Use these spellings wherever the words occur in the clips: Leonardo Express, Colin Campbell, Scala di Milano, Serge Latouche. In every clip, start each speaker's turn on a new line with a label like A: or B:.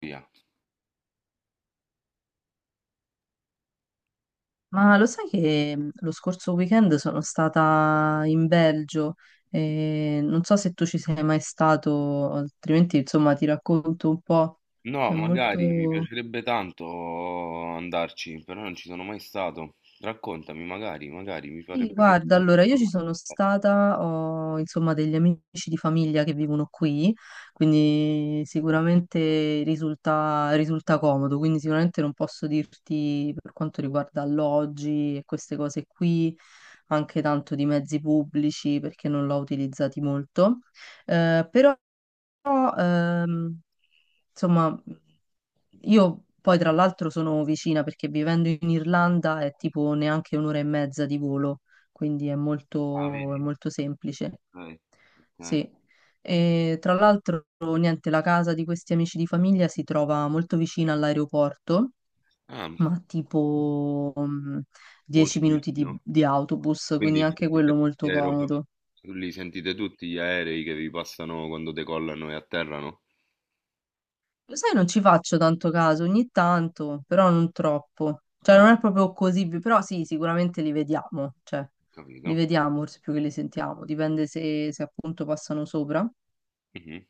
A: Via.
B: Ma lo sai che lo scorso weekend sono stata in Belgio e non so se tu ci sei mai stato, altrimenti insomma ti racconto un po'.
A: No,
B: È
A: magari mi
B: molto.
A: piacerebbe tanto andarci, però non ci sono mai stato. Raccontami, magari mi
B: Sì,
A: farebbe
B: guarda,
A: piacere.
B: allora io ci sono stata, ho insomma degli amici di famiglia che vivono qui, quindi sicuramente risulta comodo, quindi sicuramente non posso dirti per quanto riguarda alloggi e queste cose qui, anche tanto di mezzi pubblici perché non l'ho utilizzati molto, eh, però però, insomma, io poi tra l'altro sono vicina perché vivendo in Irlanda è tipo neanche un'ora e mezza di volo, quindi è
A: Ah, vedi?
B: molto semplice.
A: Ok, ok.
B: Sì. E tra l'altro, niente, la casa di questi amici di famiglia si trova molto vicina all'aeroporto,
A: Ah,
B: ma tipo 10
A: molto
B: minuti di,
A: vicino.
B: di autobus, quindi
A: Quindi
B: anche
A: sentite
B: quello molto comodo.
A: Lì sentite tutti gli aerei che vi passano quando decollano e atterrano?
B: Lo sai, non ci faccio tanto caso, ogni tanto, però non troppo. Cioè,
A: Ah,
B: non è proprio così, però sì, sicuramente li vediamo, cioè, li
A: capito.
B: vediamo forse più che li sentiamo, dipende se appunto passano sopra.
A: Mhm,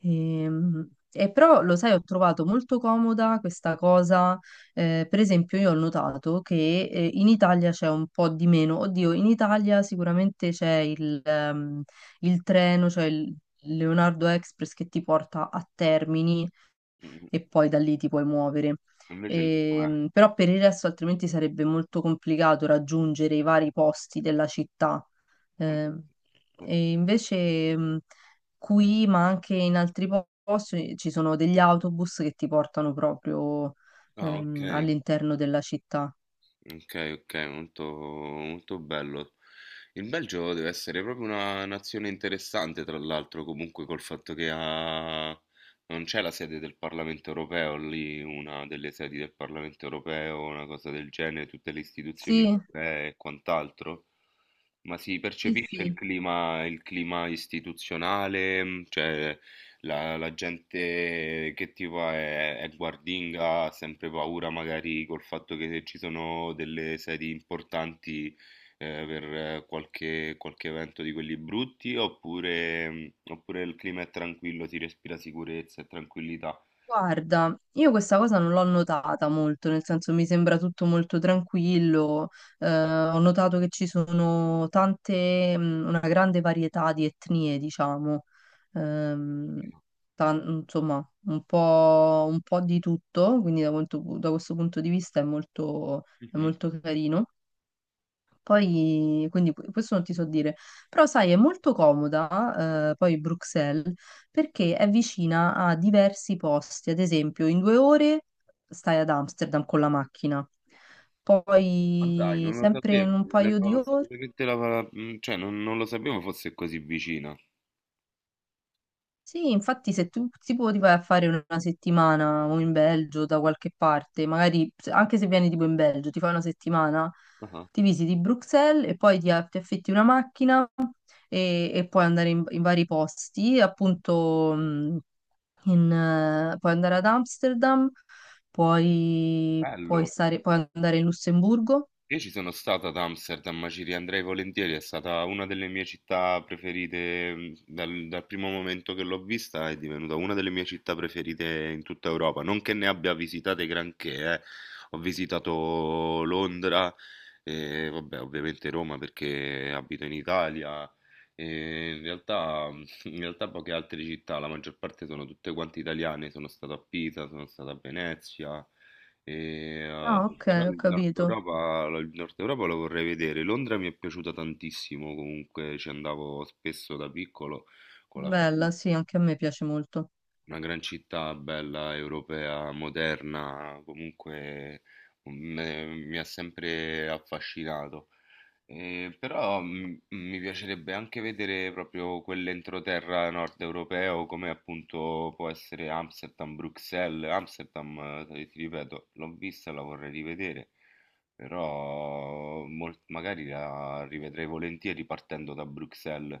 B: Però, lo sai, ho trovato molto comoda questa cosa, per esempio io ho notato che in Italia c'è un po' di meno. Oddio, in Italia sicuramente c'è il treno, cioè il Leonardo Express che ti porta a Termini
A: mhm.
B: e poi da lì ti puoi muovere.
A: Invece lì com'è?
B: Però per il resto altrimenti sarebbe molto complicato raggiungere i vari posti della città.
A: Vabbè,
B: Ehm,
A: questo-
B: e invece qui, ma anche in altri posti, ci sono degli autobus che ti portano proprio
A: Ah, ok,
B: all'interno della città.
A: ok, ok, molto, molto bello. Il Belgio deve essere proprio una nazione interessante, tra l'altro, comunque col fatto che ha... non c'è la sede del Parlamento europeo lì, una delle sedi del Parlamento europeo, una cosa del genere, tutte le istituzioni
B: Sì,
A: europee e quant'altro, ma si
B: sì,
A: percepisce
B: sì.
A: il clima istituzionale, cioè la gente che tipo è guardinga, ha sempre paura magari col fatto che ci sono delle sedi importanti per qualche evento di quelli brutti oppure, oppure il clima è tranquillo, si respira sicurezza e tranquillità.
B: Guarda, io questa cosa non l'ho notata molto, nel senso mi sembra tutto molto tranquillo, ho notato che ci sono tante, una grande varietà di etnie, diciamo, ehm,
A: Capito?
B: insomma, un po' di tutto, quindi da questo punto di vista è
A: Mhm.
B: molto carino. Poi, quindi questo non ti so dire, però sai, è molto comoda, poi Bruxelles, perché è vicina a diversi posti, ad esempio in due ore stai ad Amsterdam con la macchina,
A: Ma dai,
B: poi
A: non lo
B: sempre in
A: sapevo,
B: un
A: ne
B: paio di
A: avevo
B: ore.
A: assolutamente cioè non lo sapevo fosse così vicina.
B: Sì, infatti se tu tipo ti puoi tipo, vai a fare una settimana o in Belgio da qualche parte, magari anche se vieni tipo in Belgio, ti fai una settimana,
A: Ah,
B: ti visiti Bruxelles e poi ti affitti una macchina e puoi andare in vari posti, appunto puoi andare ad Amsterdam,
A: bello.
B: puoi stare, puoi andare in Lussemburgo.
A: Io ci sono stato ad Amsterdam, ma ci riandrei volentieri, è stata una delle mie città preferite dal primo momento che l'ho vista, è divenuta una delle mie città preferite in tutta Europa, non che ne abbia visitate granché, eh. Ho visitato Londra, e, vabbè, ovviamente Roma perché abito in Italia, e in realtà, in realtà poche altre città, la maggior parte sono tutte quante italiane, sono stato a Pisa, sono stato a Venezia. E,
B: Ah, ok,
A: però
B: ho capito.
A: Il Nord Europa lo vorrei vedere. Londra mi è piaciuta tantissimo, comunque ci andavo spesso da piccolo con la famiglia.
B: Bella, sì, anche a me piace molto.
A: Una gran città bella, europea, moderna, comunque mi ha sempre affascinato. Però mi piacerebbe anche vedere proprio quell'entroterra nord europeo come appunto può essere Amsterdam, Bruxelles. Amsterdam, ti ripeto, l'ho vista, la vorrei rivedere, però magari la rivedrei volentieri partendo da Bruxelles,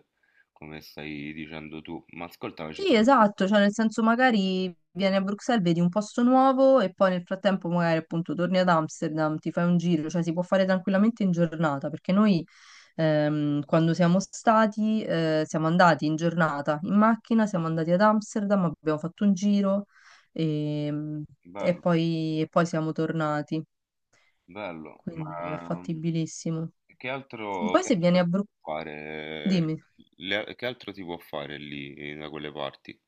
A: come stai dicendo tu. Ma ascoltami, ci
B: Sì,
A: sono...
B: esatto, cioè nel senso magari vieni a Bruxelles, vedi un posto nuovo e poi nel frattempo magari appunto torni ad Amsterdam, ti fai un giro, cioè si può fare tranquillamente in giornata, perché noi quando siamo stati siamo andati in giornata in macchina, siamo andati ad Amsterdam, abbiamo fatto un giro, ehm, e,
A: Bello,
B: poi, e poi siamo tornati,
A: bello,
B: quindi è
A: ma
B: fattibilissimo. E poi
A: che
B: se
A: altro
B: vieni a
A: si
B: Bruxelles,
A: può fare?
B: dimmi.
A: Che altro si può fare lì da quelle parti?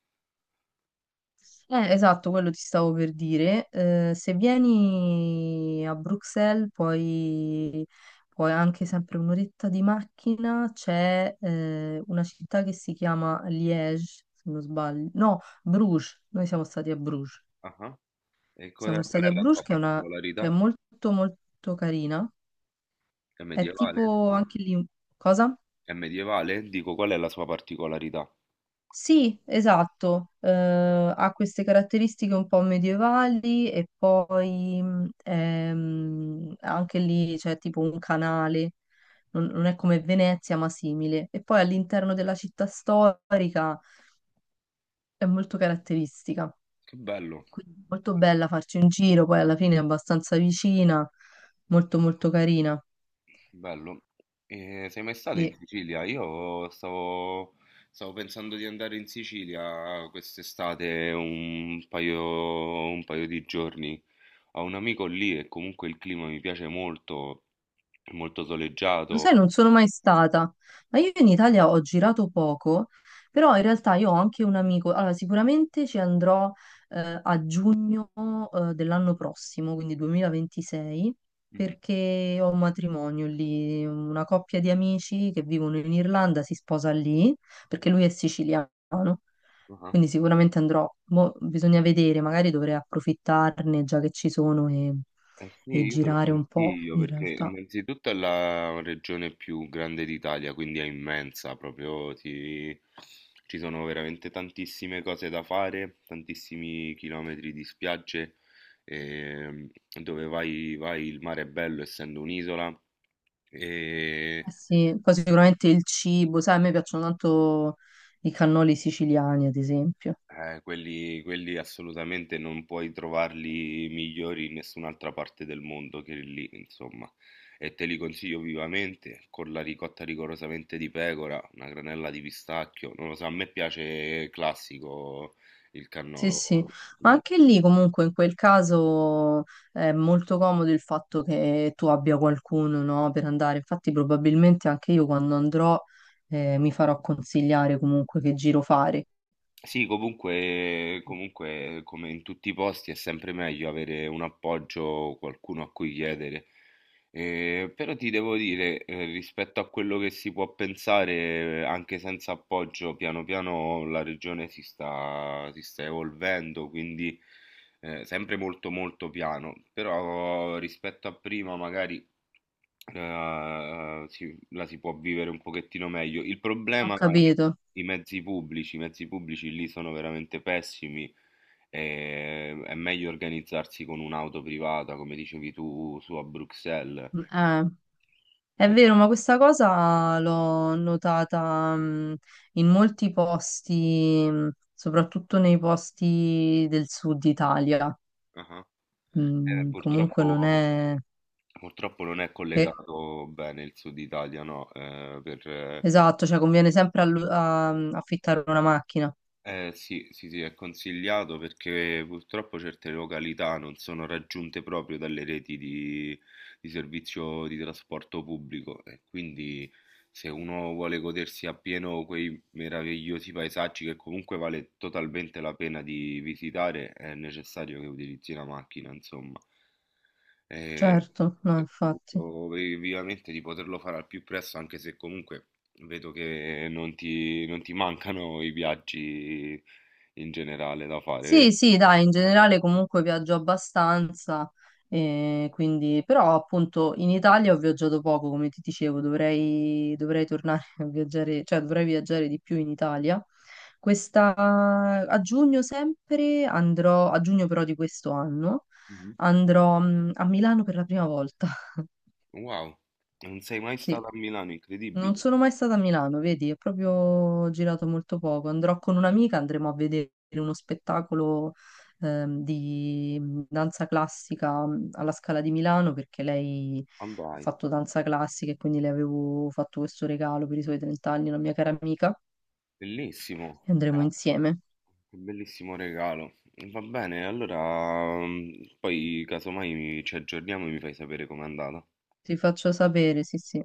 B: Esatto, quello ti stavo per dire. Se vieni a Bruxelles, poi anche sempre un'oretta di macchina, c'è una città che si chiama Liège, se non sbaglio. No, Bruges. Noi siamo stati a Bruges.
A: Ah-ah. E
B: Siamo
A: qual
B: stati a
A: è la
B: Bruges,
A: sua
B: che è
A: particolarità?
B: molto, molto carina.
A: È
B: È
A: medievale?
B: tipo anche lì... Cosa?
A: È medievale? Dico, qual è la sua particolarità?
B: Sì, esatto, ha queste caratteristiche un po' medievali e poi anche lì c'è tipo un canale, non è come Venezia ma simile. E poi all'interno della città storica è molto caratteristica,
A: Che bello,
B: quindi molto bella farci un giro, poi alla fine è abbastanza vicina, molto molto carina.
A: bello. E sei mai stato in
B: Sì.
A: Sicilia? Stavo pensando di andare in Sicilia quest'estate un paio di giorni. Ho un amico lì e comunque il clima mi piace molto, è molto
B: Lo
A: soleggiato.
B: sai, non sono mai stata, ma io in Italia ho girato poco, però in realtà io ho anche un amico, allora sicuramente ci andrò a giugno dell'anno prossimo, quindi 2026,
A: Mhm.
B: perché ho un matrimonio lì, una coppia di amici che vivono in Irlanda si sposa lì, perché lui è siciliano,
A: Ah.
B: quindi sicuramente andrò. Mo bisogna vedere, magari dovrei approfittarne già che ci sono e
A: Eh sì,
B: e
A: io te lo
B: girare un po'
A: consiglio
B: in
A: perché
B: realtà.
A: innanzitutto è la regione più grande d'Italia, quindi è immensa, proprio ci sono veramente tantissime cose da fare, tantissimi chilometri di spiagge, ehm, dove vai, vai il mare è bello essendo un'isola, e
B: Eh sì, poi sicuramente il cibo, sai, a me piacciono tanto i cannoli siciliani, ad esempio.
A: eh, quelli assolutamente non puoi trovarli migliori in nessun'altra parte del mondo che lì, insomma. E te li consiglio vivamente, con la ricotta rigorosamente di pecora, una granella di pistacchio. Non lo so, a me piace classico il
B: Sì,
A: cannolo.
B: sì, ma anche lì comunque in quel caso è molto comodo il fatto che tu abbia qualcuno, no, per andare. Infatti probabilmente anche io quando andrò mi farò consigliare comunque che giro fare.
A: Sì, comunque, come in tutti i posti, è sempre meglio avere un appoggio, qualcuno a cui chiedere. Però ti devo dire, rispetto a quello che si può pensare, anche senza appoggio, piano piano la regione si sta evolvendo, quindi sempre molto molto piano. Però rispetto a prima, magari eh, la si può vivere un pochettino meglio. Il
B: Ho
A: problema è
B: capito.
A: i mezzi pubblici lì sono veramente pessimi. E è meglio organizzarsi con un'auto privata, come dicevi tu, su a Bruxelles.
B: Eh. È
A: Eh,
B: vero, ma questa cosa l'ho notata, in molti posti, soprattutto nei posti del sud Italia.
A: ah. Eh,
B: Mm, comunque non
A: purtroppo,
B: è...
A: purtroppo non è
B: Eh,
A: collegato bene il sud Italia, no?
B: esatto, cioè conviene sempre affittare una macchina.
A: Eh sì, sì, sì, è consigliato perché purtroppo certe località non sono raggiunte proprio dalle reti di servizio di trasporto pubblico e quindi se uno vuole godersi appieno quei meravigliosi paesaggi che comunque vale totalmente la pena di visitare, è necessario che utilizzi la macchina, insomma. E,
B: Certo, no,
A: e
B: infatti.
A: auguro vivamente di poterlo fare al più presto, anche se comunque vedo che non ti mancano i viaggi in generale da fare,
B: Sì,
A: vero?
B: sì, dai, in generale comunque viaggio abbastanza, quindi, però appunto in Italia ho viaggiato poco, come ti dicevo, dovrei tornare a viaggiare, cioè dovrei viaggiare di più in Italia. Questa, a giugno sempre andrò, a giugno però di questo anno,
A: Mhm.
B: andrò a Milano per la prima volta,
A: Wow, non sei mai
B: sì.
A: stato a Milano,
B: Non
A: incredibile.
B: sono mai stata a Milano, vedi, ho proprio girato molto poco. Andrò con un'amica, andremo a vedere uno spettacolo di danza classica alla Scala di Milano perché lei ha
A: Andai,
B: fatto danza classica e quindi le avevo fatto questo regalo per i suoi 30 anni, una mia cara amica,
A: bellissimo,
B: e andremo insieme.
A: che bellissimo regalo. Va bene, allora poi casomai ci aggiorniamo e mi fai sapere com'è andata.
B: Ti faccio sapere, sì, sì.